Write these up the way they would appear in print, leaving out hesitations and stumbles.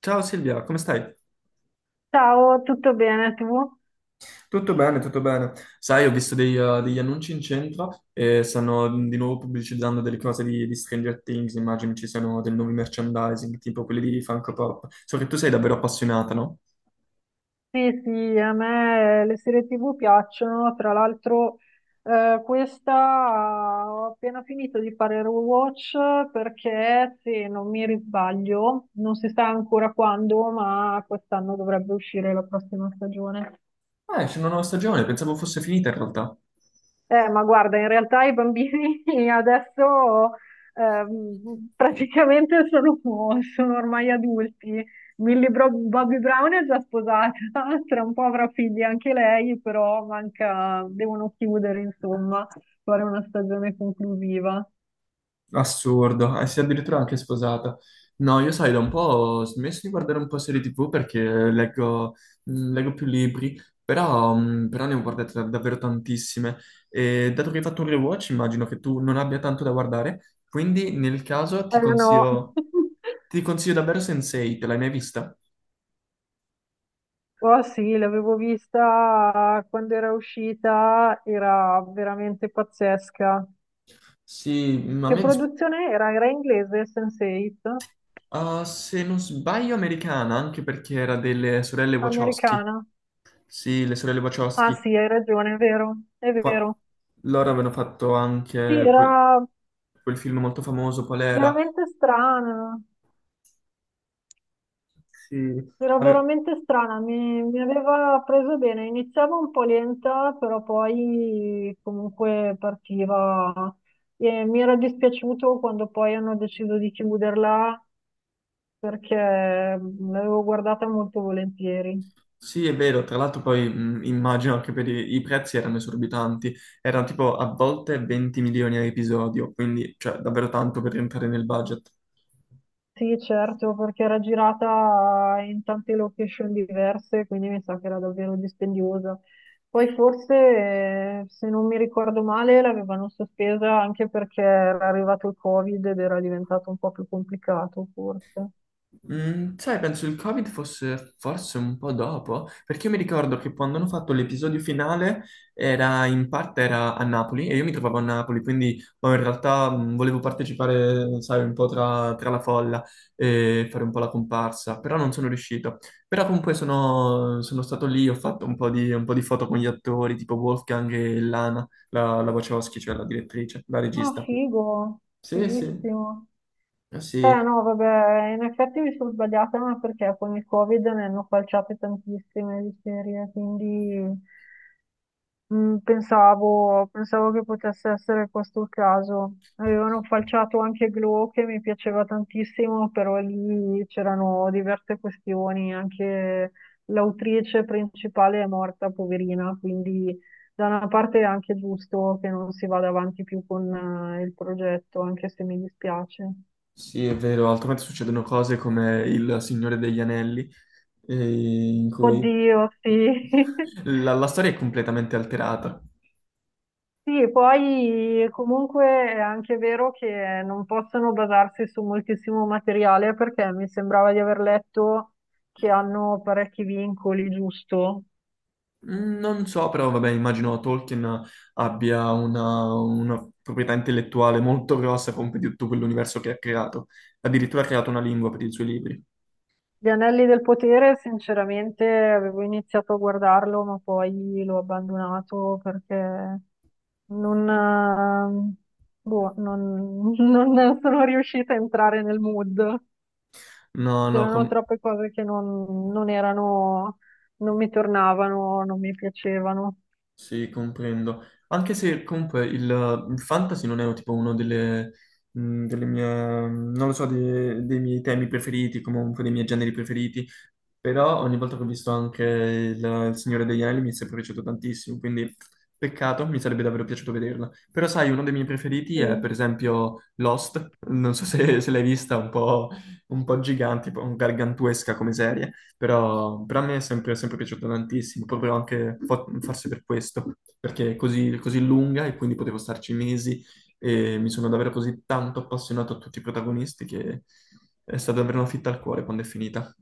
Ciao Silvia, come stai? Ciao, tutto bene tu? Tutto bene, tutto bene. Sai, ho visto degli annunci in centro e stanno di nuovo pubblicizzando delle cose di Stranger Things, immagino ci siano dei nuovi merchandising, tipo quelli di Funko Pop. So che tu sei davvero appassionata, no? Sì, sì, a me le serie TV piacciono, tra l'altro questa ho appena finito di fare il rewatch perché se non mi risbaglio, non si sa ancora quando, ma quest'anno dovrebbe uscire la prossima stagione. Ah, esce una nuova stagione, pensavo fosse finita in realtà. Ma guarda, in realtà i bambini adesso praticamente sono ormai adulti. Bobby Brown è già sposata, tra un po' avrà figli anche lei, però manca, devono chiudere, insomma, fare una stagione conclusiva. Assurdo, e si è addirittura anche sposata. No, io sai, da un po' ho smesso di guardare un po' serie TV perché leggo, leggo più libri, però, però ne ho guardate davvero tantissime. E dato che hai fatto un rewatch, immagino che tu non abbia tanto da guardare, quindi nel caso Eh no, ti consiglio davvero Sensei, te l'hai mai vista? oh sì, l'avevo vista quando era uscita, era veramente pazzesca. Sì, ma a Che me, produzione era? Era inglese, Sense8? ah, se non sbaglio, americana, anche perché era delle sorelle Wachowski. Americana. Sì, le sorelle Ah Wachowski. sì, hai ragione, è vero, è Poi vero. loro avevano fatto Sì, anche quel film molto famoso, qual era? veramente strana, Sì. era Ave- veramente strana, mi aveva preso bene, iniziava un po' lenta, però poi comunque partiva. E mi era dispiaciuto quando poi hanno deciso di chiuderla perché l'avevo guardata molto volentieri. Sì, è vero, tra l'altro poi immagino che per i prezzi erano esorbitanti, erano tipo a volte 20 milioni a episodio, quindi cioè davvero tanto per rientrare nel budget. Sì, certo, perché era girata in tante location diverse, quindi mi sa che era davvero dispendiosa. Poi forse, se non mi ricordo male, l'avevano sospesa anche perché era arrivato il Covid ed era diventato un po' più complicato, forse. Mm, sai, penso il Covid fosse forse un po' dopo, perché io mi ricordo che quando hanno fatto l'episodio finale era in parte era a Napoli e io mi trovavo a Napoli, quindi boh, in realtà volevo partecipare, sai, un po' tra la folla e fare un po' la comparsa, però non sono riuscito. Però comunque sono stato lì, ho fatto un po' di foto con gli attori, tipo Wolfgang e Lana, la Wachowski, cioè la direttrice, la Ah, regista. figo, Sì, sì, fighissimo. eh Eh sì. no, vabbè, in effetti mi sono sbagliata, ma perché con il Covid ne hanno falciate tantissime di serie, quindi... Mm, pensavo che potesse essere questo il caso. Avevano falciato anche Glow che mi piaceva tantissimo, però lì c'erano diverse questioni. Anche l'autrice principale è morta, poverina, quindi da una parte è anche giusto che non si vada avanti più con il progetto, anche se mi dispiace. Sì, è vero, altrimenti succedono cose come il Signore degli Anelli, in cui Oddio, sì. la storia è completamente alterata. Sì, e poi comunque è anche vero che non possono basarsi su moltissimo materiale perché mi sembrava di aver letto che hanno parecchi vincoli, giusto? Mm, non so, però vabbè, immagino Tolkien abbia una proprietà intellettuale molto grossa come di tutto quell'universo che ha creato. Addirittura ha creato una lingua per i suoi libri. Gli Anelli del Potere, sinceramente, avevo iniziato a guardarlo, ma poi l'ho abbandonato perché non, boh, non non sono riuscita a entrare nel mood. No, no, C'erano com- troppe cose che non erano, non mi tornavano, non mi piacevano. Sì, comprendo. Anche se comunque il fantasy non è tipo uno delle, mh, delle mie, non lo so, dei miei temi preferiti, comunque dei miei generi preferiti, però ogni volta che ho visto anche il Signore degli Anelli mi è sempre piaciuto tantissimo, quindi peccato, mi sarebbe davvero piaciuto vederla. Però sai, uno dei miei preferiti Sì. è per esempio Lost, non so se l'hai vista, un po' gigante, un po' gargantuesca come serie però a me è sempre piaciuta tantissimo, proprio anche forse per questo, perché è così lunga e quindi potevo starci mesi e mi sono davvero così tanto appassionato a tutti i protagonisti che è stata davvero una fitta al cuore quando è finita.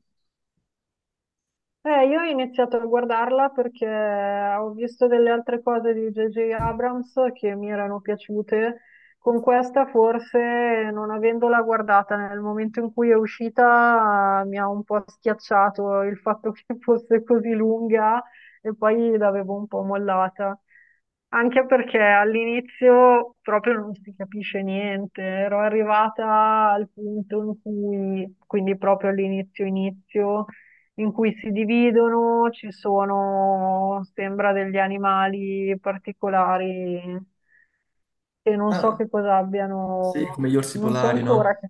Io ho iniziato a guardarla perché ho visto delle altre cose di J.J. Abrams che mi erano piaciute. Con questa forse, non avendola guardata nel momento in cui è uscita, mi ha un po' schiacciato il fatto che fosse così lunga e poi l'avevo un po' mollata. Anche perché all'inizio proprio non si capisce niente, ero arrivata al punto in cui, quindi proprio all'inizio inizio, in cui si dividono, ci sono, sembra, degli animali particolari che non so Ah, che cosa sì, abbiano, come gli orsi non so polari, ancora no? che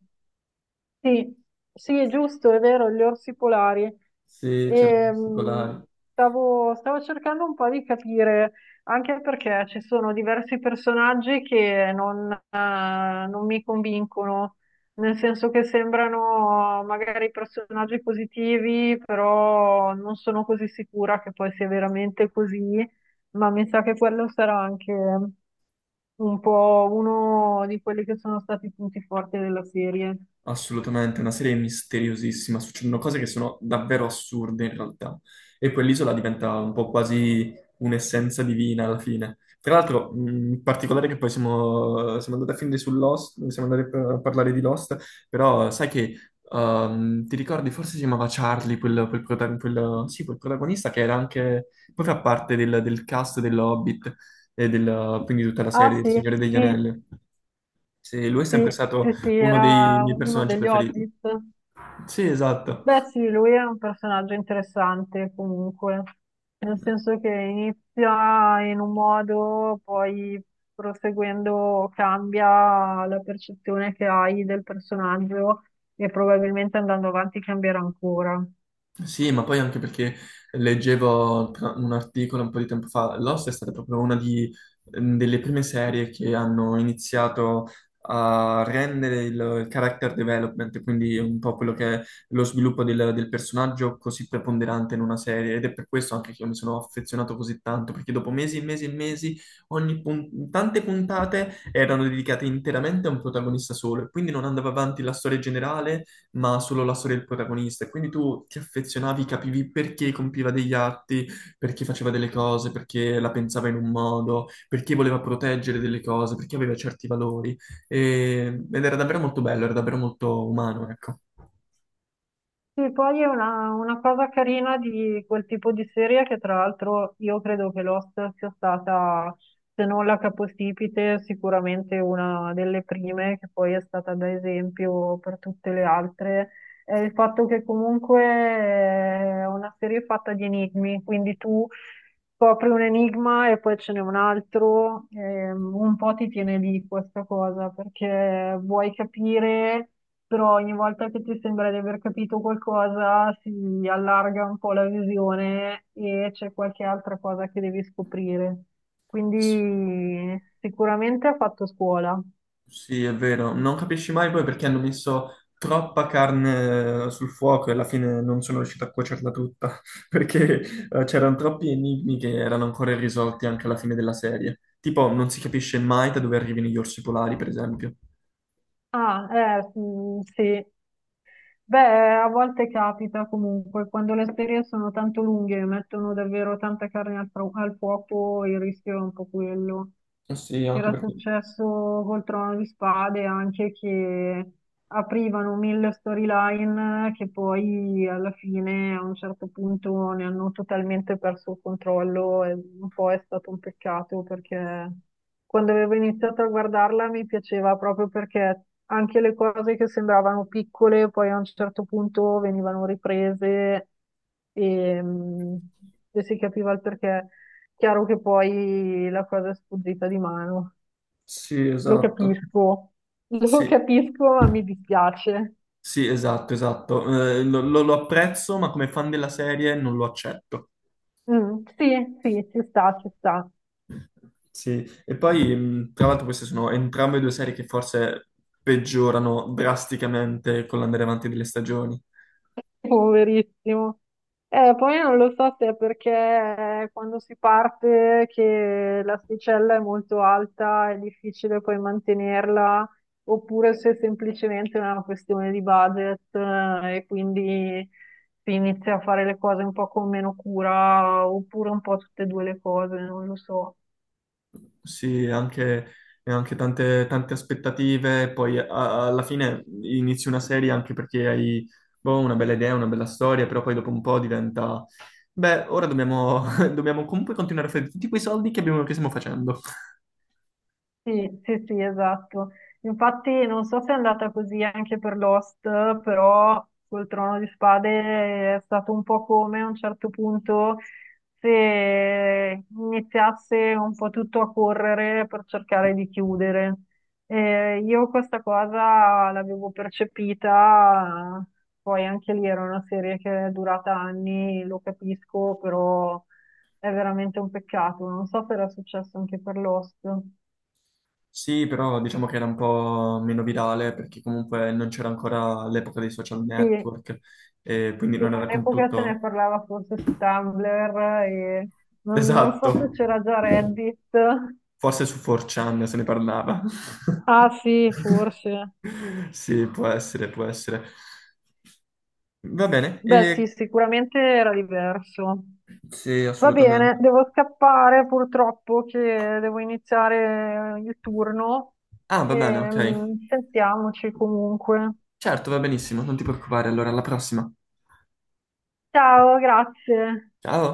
sì, sì, è giusto, è vero, gli orsi polari. Sì, c'erano gli orsi Ehm, polari. Stavo cercando un po' di capire, anche perché ci sono diversi personaggi che non mi convincono, nel senso che sembrano magari personaggi positivi, però non sono così sicura che poi sia veramente così, ma mi sa che quello sarà anche un po' uno di quelli che sono stati i punti forti della serie. Assolutamente, una serie misteriosissima, succedono cose che sono davvero assurde in realtà e quell'isola diventa un po' quasi un'essenza divina alla fine. Tra l'altro, in particolare che poi siamo andati a finire su Lost, siamo andati a parlare di Lost, però sai che ti ricordi, forse si chiamava Charlie, sì, quel protagonista che era anche, poi fa parte del cast dell'Hobbit e del, quindi tutta la Ah serie del sì, Signore degli sì, Anelli. Sì, lui è sempre stato sì, uno dei era miei uno personaggi degli preferiti. Hobbit. Sì, esatto. Beh sì, lui è un personaggio interessante comunque, nel senso che inizia in un modo, poi proseguendo cambia la percezione che hai del personaggio e probabilmente andando avanti cambierà ancora. Sì, ma poi anche perché leggevo un articolo un po' di tempo fa, Lost è stata proprio delle prime serie che hanno iniziato a rendere il character development, quindi un po' quello che è lo sviluppo del personaggio così preponderante in una serie ed è per questo anche che io mi sono affezionato così tanto, perché dopo mesi e mesi e mesi, tante puntate erano dedicate interamente a un protagonista solo e quindi non andava avanti la storia generale ma solo la storia del protagonista. E quindi tu ti affezionavi, capivi perché compiva degli atti, perché faceva delle cose, perché la pensava in un modo, perché voleva proteggere delle cose, perché aveva certi valori. Ed era davvero molto bello, era davvero molto umano, ecco. Sì, poi è una cosa carina di quel tipo di serie che tra l'altro io credo che Lost sia stata, se non la capostipite, sicuramente una delle prime che poi è stata da esempio per tutte le altre, è il fatto che comunque è una serie fatta di enigmi, quindi tu scopri un enigma e poi ce n'è un altro, un po' ti tiene lì questa cosa perché vuoi capire però ogni volta che ti sembra di aver capito qualcosa si allarga un po' la visione e c'è qualche altra cosa che devi scoprire. Quindi sicuramente ha fatto scuola. Sì, è vero, non capisci mai poi perché hanno messo troppa carne sul fuoco e alla fine non sono riuscito a cuocerla tutta, perché c'erano troppi enigmi che erano ancora irrisolti anche alla fine della serie. Tipo, non si capisce mai da dove arrivino gli orsi polari, per esempio. Ah, sì. Beh, a volte capita comunque, quando le serie sono tanto lunghe e mettono davvero tanta carne al fuoco, il rischio è un po' quello. Sì, anche Era perché... successo col Trono di Spade anche che aprivano mille storyline che poi alla fine a un certo punto ne hanno totalmente perso il controllo e un po' è stato un peccato perché quando avevo iniziato a guardarla mi piaceva proprio perché anche le cose che sembravano piccole poi a un certo punto venivano riprese e, mm, e si capiva il perché. Chiaro che poi la cosa è sfuggita di mano. Sì, Lo esatto. capisco, lo Sì. capisco, ma mi dispiace. Sì, esatto, esatto. Lo apprezzo, ma come fan della serie non lo accetto. Mm, sì, sì, ci sta, ci sta. Sì, e poi tra l'altro queste sono entrambe due serie che forse peggiorano drasticamente con l'andare avanti delle stagioni. Poverissimo. Poi non lo so se è perché quando si parte che l'asticella è molto alta, è difficile poi mantenerla, oppure se è semplicemente una questione di budget, e quindi si inizia a fare le cose un po' con meno cura, oppure un po' tutte e due le cose, non lo so. Sì, anche, e anche tante aspettative, poi alla fine inizi una serie anche perché hai boh, una bella idea, una bella storia, però poi dopo un po' diventa, beh, ora dobbiamo, dobbiamo comunque continuare a fare tutti quei soldi che che stiamo facendo. Sì, sì, sì, esatto. Infatti non so se è andata così anche per Lost, però col Trono di Spade è stato un po' come a un certo punto se iniziasse un po' tutto a correre per cercare di chiudere. Io questa cosa l'avevo percepita, poi anche lì era una serie che è durata anni, lo capisco, però è veramente un peccato. Non so se era successo anche per Lost. Sì, però diciamo che era un po' meno virale perché comunque non c'era ancora l'epoca dei social Sì, network e quindi sì, non era con all'epoca se ne tutto parlava forse su Tumblr e non so se esatto. c'era già Reddit. Forse su 4chan se ne parlava. Ah sì, forse. Sì, può essere, può essere. Va bene, Beh e... sì, sicuramente era diverso. sì, Va bene, assolutamente. devo scappare purtroppo che devo iniziare il turno. Ah, va bene, ok. Sentiamoci comunque. Certo, va benissimo, non ti preoccupare. Allora, alla prossima. Ciao, grazie. Ciao.